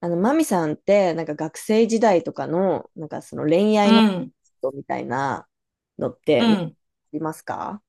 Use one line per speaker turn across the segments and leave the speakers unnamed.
マミさんって、なんか学生時代とかの、なんかその恋
う
愛のこ
ん、
とみたいなのっ
う
て、あ
ん、
りますか？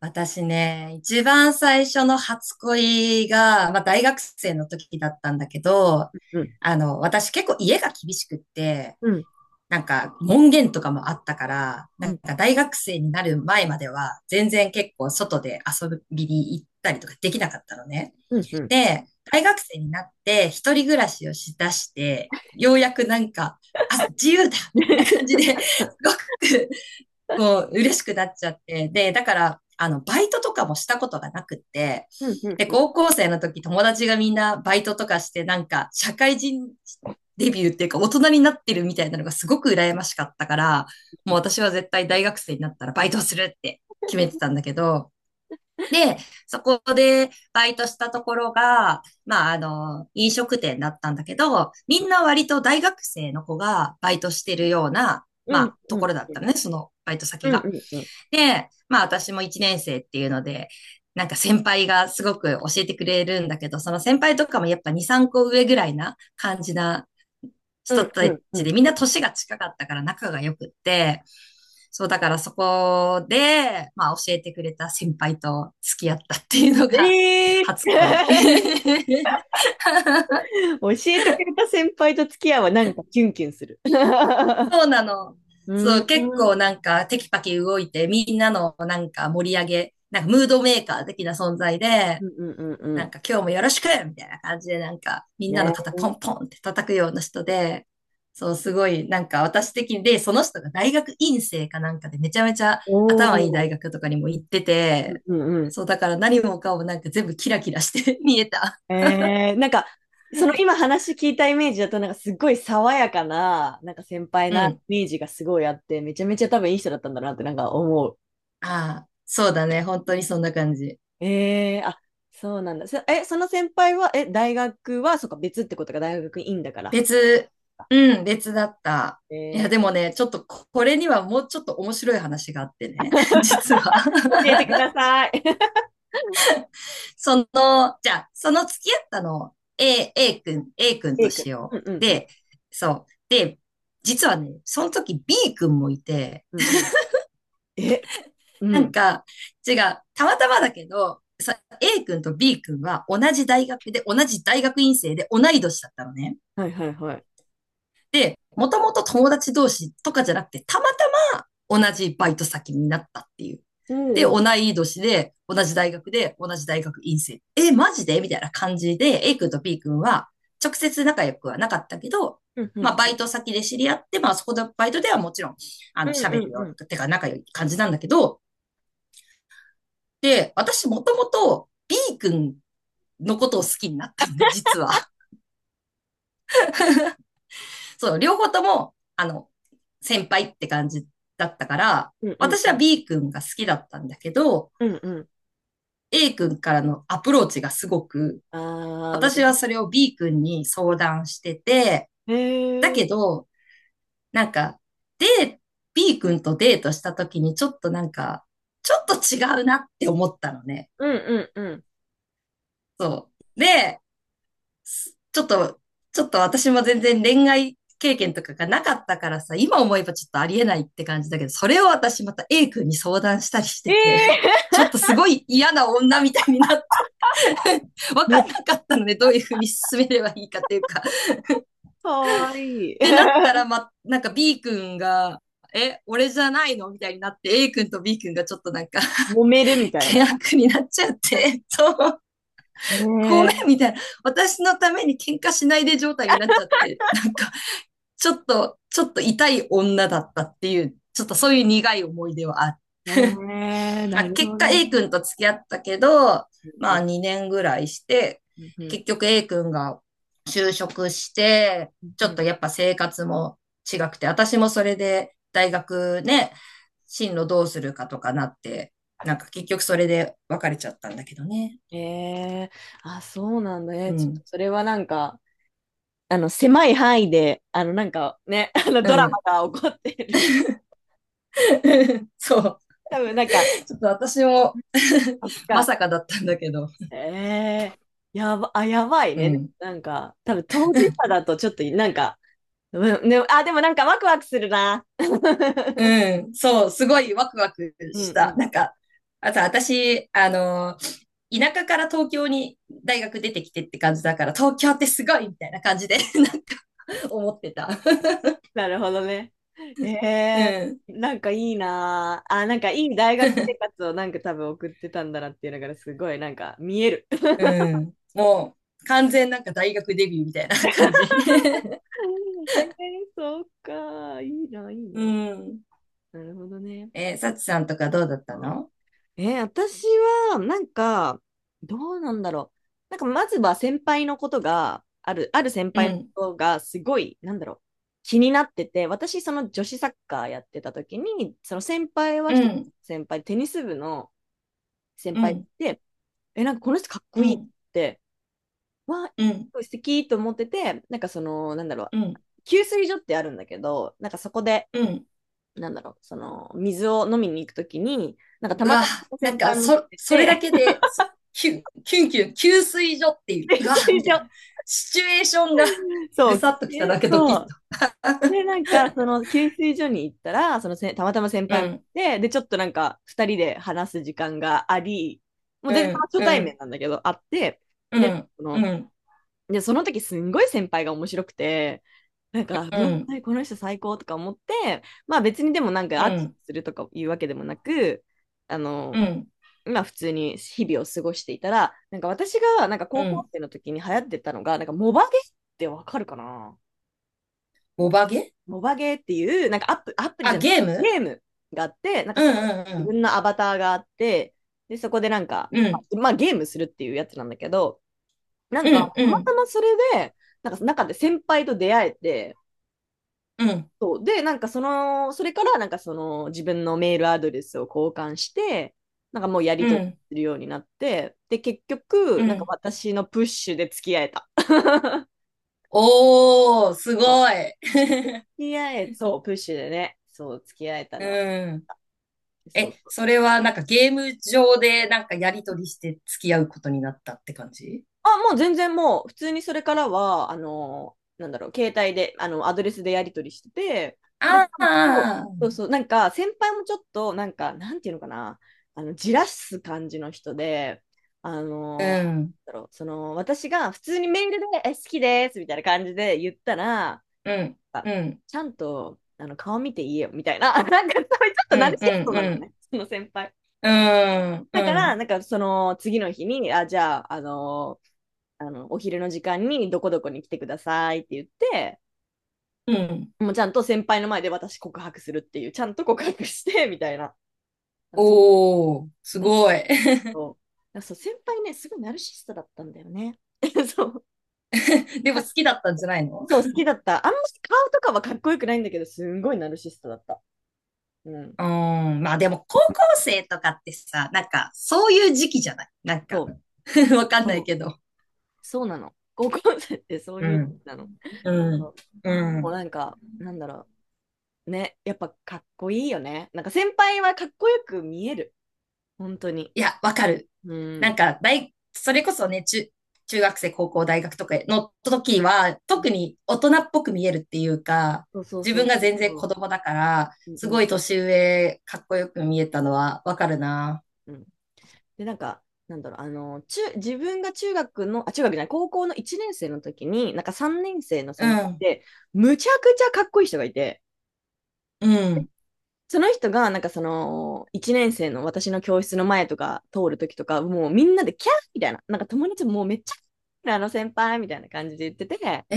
私ね、一番最初の初恋が、まあ大学生の時だったんだけど、
うん。
私結構家が厳しくって、
うん。
なんか門限とかもあったから、
う
なん
ん。
か大学生になる前までは全然結構外で遊びに行ったりとかできなかったのね。
うん。うん。
で、大学生になって一人暮らしをしだして、ようやくなんか、あ、自由だみたいな感じで、すごくこう、嬉しくなっちゃって。で、だから、バイトとかもしたことがなくって、
うん。
で、
うん。
高校生の時友達がみんなバイトとかして、なんか、社会人デビューっていうか、大人になってるみたいなのがすごく羨ましかったから、もう私は絶対大学生になったらバイトするって決めてたんだけど、で、そこでバイトしたところが、まあ、飲食店だったんだけど、みんな割と大学生の子がバイトしてるような、ま
うん。
あ、
う
と
ん。う
ころだっ
ん。
たのね、そのバイト先
う
が。
ん。うん。
で、まあ私も一年生っていうので、なんか先輩がすごく教えてくれるんだけど、その先輩とかもやっぱ2、3個上ぐらいな感じな
う
人
ん。
た
う
ちで、みんな
ん。
年が近かったから仲が良くって、そうだからそこで、まあ教えてくれた先輩と付き合ったっていうのが
ええ
初
ー。
恋。
教えてくれた先輩と付き合うはなんかキュンキュンする。
そうなの。
う
そ
ん。
う、結
うん。
構なんかテキパキ動いて、みんなのなんか盛り上げ、なんかムードメーカー的な存在で、
うん。う
なん
ん。
か今日もよろしくみたいな感じで、なんかみんなの肩
ね。
ポンポンって叩くような人で、そう、すごい、なんか私的に、で、その人が大学院生かなんかでめちゃめちゃ
お
頭いい大
お。
学とかにも行ってて、
うん。うん。
そう、だから何もかもなんか全部キラキラして 見えた。
なんか、その今話聞いたイメージだと、なんかすっごい爽やかな、なんか先輩
う
なイ
ん。
メージがすごいあって、めちゃめちゃ多分いい人だったんだなってなんか思う。
ああ、そうだね。本当にそんな感じ。
あ、そうなんだ。その先輩は、大学は、そっか、別ってことが大学院だから。
別、うん、別だった。いや、
え
で
ー、
もね、ちょっとこれにはもうちょっと面白い話があってね、実は。
教えてください。
その、じゃあ、その付き合ったのを A 君
え
と
イ
し
君。う
よ
んう
う。
んうん。
で、そう。で、実はね、その時 B 君もいて、
うんうん。え、う
なん
ん。
か、違う、たまたまだけど、さ A 君と B 君は同じ大学で、同じ大学院生で同い年だったのね。
はいはいはい。
で、もともと友達同士とかじゃなくて、たまたま同じバイト先になったっていう。
お
で、
うお
同
う。
い年で、同じ大学で、同じ大学院生。え、マジでみたいな感じで、A 君と B 君は、直接仲良くはなかったけど、
うんう
まあ、バ
ん。
イト先で知り合って、まあ、そこのバイトではもちろん、
うん
喋
う
る
んう
よう
ん。
な、てか仲良い感じなんだけど、で、私もともと B 君のことを好きになったんで、実は。そう、両方とも、先輩って感じだったから、
うんうん
私
う
は
ん。
B 君が好きだったんだけど、
うんうん。
A 君からのアプローチがすごく、
あー、なる
私はそれを B 君に
ほ
相
ど。
談してて、
え
だ
ー、
けど、なんか、で、B 君とデートした時にちょっとなんか、ちょっと違うなって思ったのね。
うんうんうん。
そう。で、ちょっと、ちょっと私も全然恋愛経験とかがなかったからさ、今思えばちょっとありえないって感じだけど、それを私また A 君に相談したりし
え
てて、
ー、
ちょっとすごい嫌な女みたいになって、わ
も
かん
っ
なかったので、どういうふうに進めればいいかっていうか。っ
かわいい。
てなったら、ま、なんか B 君が、え、俺じゃないのみたいになって、A 君と B 君がちょっとなんか、
揉める みたい
険
な。
悪になっちゃって、ご
え
めん
え
みたいな、私のために喧嘩しないで状態になっちゃって、なんか、ちょっと痛い女だったっていう、ちょっとそういう苦い思い出はある。
ええ、
まあ、
なる
結
ほ
果
ど
A
ね。
君と付き合ったけど、
う
まあ
ん
2年ぐらいして、
うん
結局 A 君が就職して、
うん
ちょ
う
っ
ん。
とやっぱ生活も違くて、私もそれで大学ね、進路どうするかとかなって、なんか結局それで別れちゃったんだけどね。
ええ。あ、そうなんだ
う
ね。ちょっと
ん。
それはなんか、狭い範囲で、なんかね、
う
ドラ
ん。
マが起こってる。
そう。
多分なんか、
ちょっと私も
そっ
ま
か。
さかだったんだけど。
ええ。やば、あ、やばい
う
ね。
ん。
なんか、多分当事者だとちょっと、なんか、うん、ね、あ、でもなんかワクワクするな。
うん、そう、すごいワクワク
うん
し
う
た。
ん。
なんか、あと私、田舎から東京に大学出てきてって感じだから、東京ってすごいみたいな感じで なんか 思ってた。
なるほどね。え
う
え、
ん。
なんかいいなあ。あ、なんかいい大学生活をなんか多分送ってたんだなっていうのがすごいなんか見える。
うん。もう、完全なんか大学デビューみたいな感じ。
ええ、そうか。いいな、いい な。
うん。
なるほどね。
サチさんとかどうだった
うん。
の？
私はなんか、どうなんだろう。なんかまずは先輩のことが、ある先
う
輩のこ
ん。
とがすごい、なんだろう。気になってて、私その女子サッカーやってた時に、その先輩は
う
一つ
ん。
先輩、テニス部の先
う
輩
ん。
でなんかこの人かっ
う
こいいっ
ん。
て、わ
うん。
あ、素敵と思ってて、なんかその、なんだろう、
うん。
給水所ってあるんだけど、なんかそこで、
うん。
なんだろう、その、水を飲みに行くときに、なんかた
う
ま
わ、
たま
なん
先
か、
輩も来て
それだ
て、
けで、キュン、キュンキュン、給水所って いう、
給
う
水
わ、みたいな。
所、
シチュエーションが
そ
ぐ
う、
さ
来
っときた
て
だけドキ
そ
ッと。
う。で、なんか、その、給水所に行ったら、そのせ、たまたま先
う
輩も来
ん、
て、で、ちょっとなんか、二人で話す時間があり、もう
う
全然その
ん、
初対
う
面
ん、
なんだけど、あって、
う
で、
ん、
そ
う
の、
ん、
で、その時すんごい先輩が面白くて、なんか、
う
うわ、
ん、
この人最高とか思って、まあ別にでもなんか
う
握手
ん、
するとかいうわけでもなく、あ
う
の、
ん、
まあ普通に日々を過ごしていたら、なんか私がなんか
う
高校
ん。
生の時に流行ってたのが、なんかモバゲーってわかるかな？
ボバゲ
モバゲーっていう、なんかアプリじ
あ、
ゃない、
ゲーム
ゲームがあって、なんか
う
そこ
ん、
に自
うん、
分のアバターがあって、で、そこでなんか、
うん、うん、
まあゲームするっていうやつなんだけど、な
う
んか、
ん、う
たま
ん、
たまそれで、なんか中で先輩と出会えて、
うん、
そう。で、なんかその、それからなんかその自分のメールアドレスを交換して、なんかもうやり
う
取り
ん。
するようになって、で、結局、なんか私のプッシュで付き合えた。
おー、す
そう。
ごい。
付 き合え、そう、プッシュでね、そう、付き合えた
う
のは。
ん。
そう。
え、それはなんかゲーム上でなんかやりとりして付き合うことになったって感じ？
あ、もう全然もう、普通にそれからは、なんだろう、携帯で、アドレスでやり取りしてて、で、ち
あ
ゃんと、
あ、
そうそう、なんか、先輩もちょっと、なんか、なんていうのかな、じらす感じの人で、あ
う
の、
ん、
なんだろう、その、私が普通にメールで、え、好きです、みたいな感じで言ったら、
うん、
あ
うん、
ちゃんと、顔見て言えよ、みたいな、なんか、そういうちょっ
う
とナル
ん、
シ
う
スト
ん、
な
う
の
ん、
ね、その先輩。
うん、
だか
う
ら、
ん、
なんかその次の日に、あ、じゃあ、お昼の時間にどこどこに来てくださいって言って、
うん。
もうちゃんと先輩の前で私告白するっていう、ちゃんと告白して みたいな。だ、そ
おー、
う
す
だ。
ごい。
そう、先輩ねすごいナルシストだったんだよね。 そう、
でも好きだったんじゃないの？
そう好きだった。あんまし顔とかはかっこよくないんだけどすんごいナルシストだった。うん。
うーん、まあでも高校生とかってさ、なんかそういう時期じゃないなん
そ
か、
う
わかんな
そ
い
う、
けど。
そうなの、高校生ってそう
う
いう
ん、
なの。
う
そ
ん、
う。で
う
も
ん。
なんかなんだろうね、やっぱかっこいいよね。なんか先輩はかっこよく見える、本当に。
いや、わかる。
う
なん
ん
かそれこそね、中学生、高校、大学とかの時は、特に大人っぽく見えるっていうか、
そうそう
自
そ
分
う
が
そう
全然子
そ
供だから、
う。う
す
んう
ご
ん
い年上、かっこよく見えたのはわかるな。
うん。で、なんか、なんだろう、自分が中学の、あ、中学じゃない、高校の1年生の時に、なんか3年生の
う
先輩
ん、
で、むちゃくちゃかっこいい人がいて、
うん。
その人が、なんかその、1年生の私の教室の前とか通る時とか、もうみんなでキャーみたいな、なんか友達ももうめっちゃ、あの先輩みたいな感じで言ってて、
え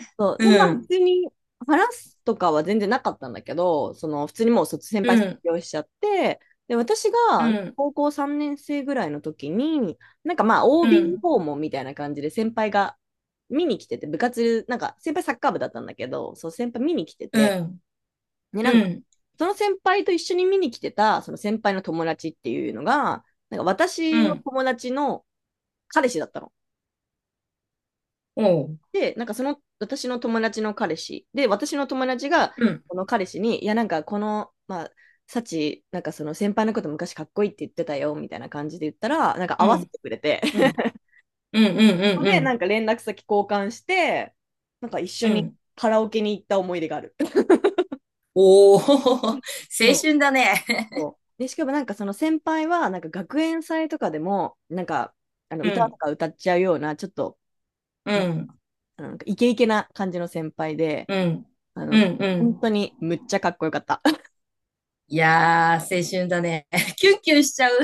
え
そう。で、まあ、
うん、
普通に話すとかは全然なかったんだけど、その、普通にもう先輩
う
卒
ん、
業しちゃって、で、私
う
が
ん、
高校3年生ぐらいの時に、なんかまあ、
う
OB
ん、
訪問みたいな感じで先輩が見に来てて、部活、なんか先輩サッカー部だったんだけど、そう、先輩見に来て
う
て、
ん、
で、な
う
んか、
ん、
その先輩と一緒に見に来てた、その先輩の友達っていうのが、なんか
う
私の
ん、
友達の彼氏だったの。
おう、
で、なんかその私の友達の彼氏で、私の友達が
うん、
この彼氏に、いや、なんかこの、まあ、サチ、なんかその先輩のこと昔かっこいいって言ってたよみたいな感じで言ったら、なんか合
う
わせ
ん、
てくれて、
う
そ
ん、うん、う
こ
ん、う
で
ん、
なんか連絡先交換して、なんか一緒
うん、う
に
ん。
カラオケに行った思い出がある。
おお、青
そう
春だね。
そう。で、しかもなんかその先輩は、なんか学園祭とかでも、なんかあの
う
歌と
ん、
か歌っちゃうような、ちょっと、
う
な
ん、
なんかイケイケな感じの先輩で、
うん、
あ
う
の、
ん、う
本当
ん。
にむっちゃかっこよかった。
いやー、青春だね。キュンキュンしちゃう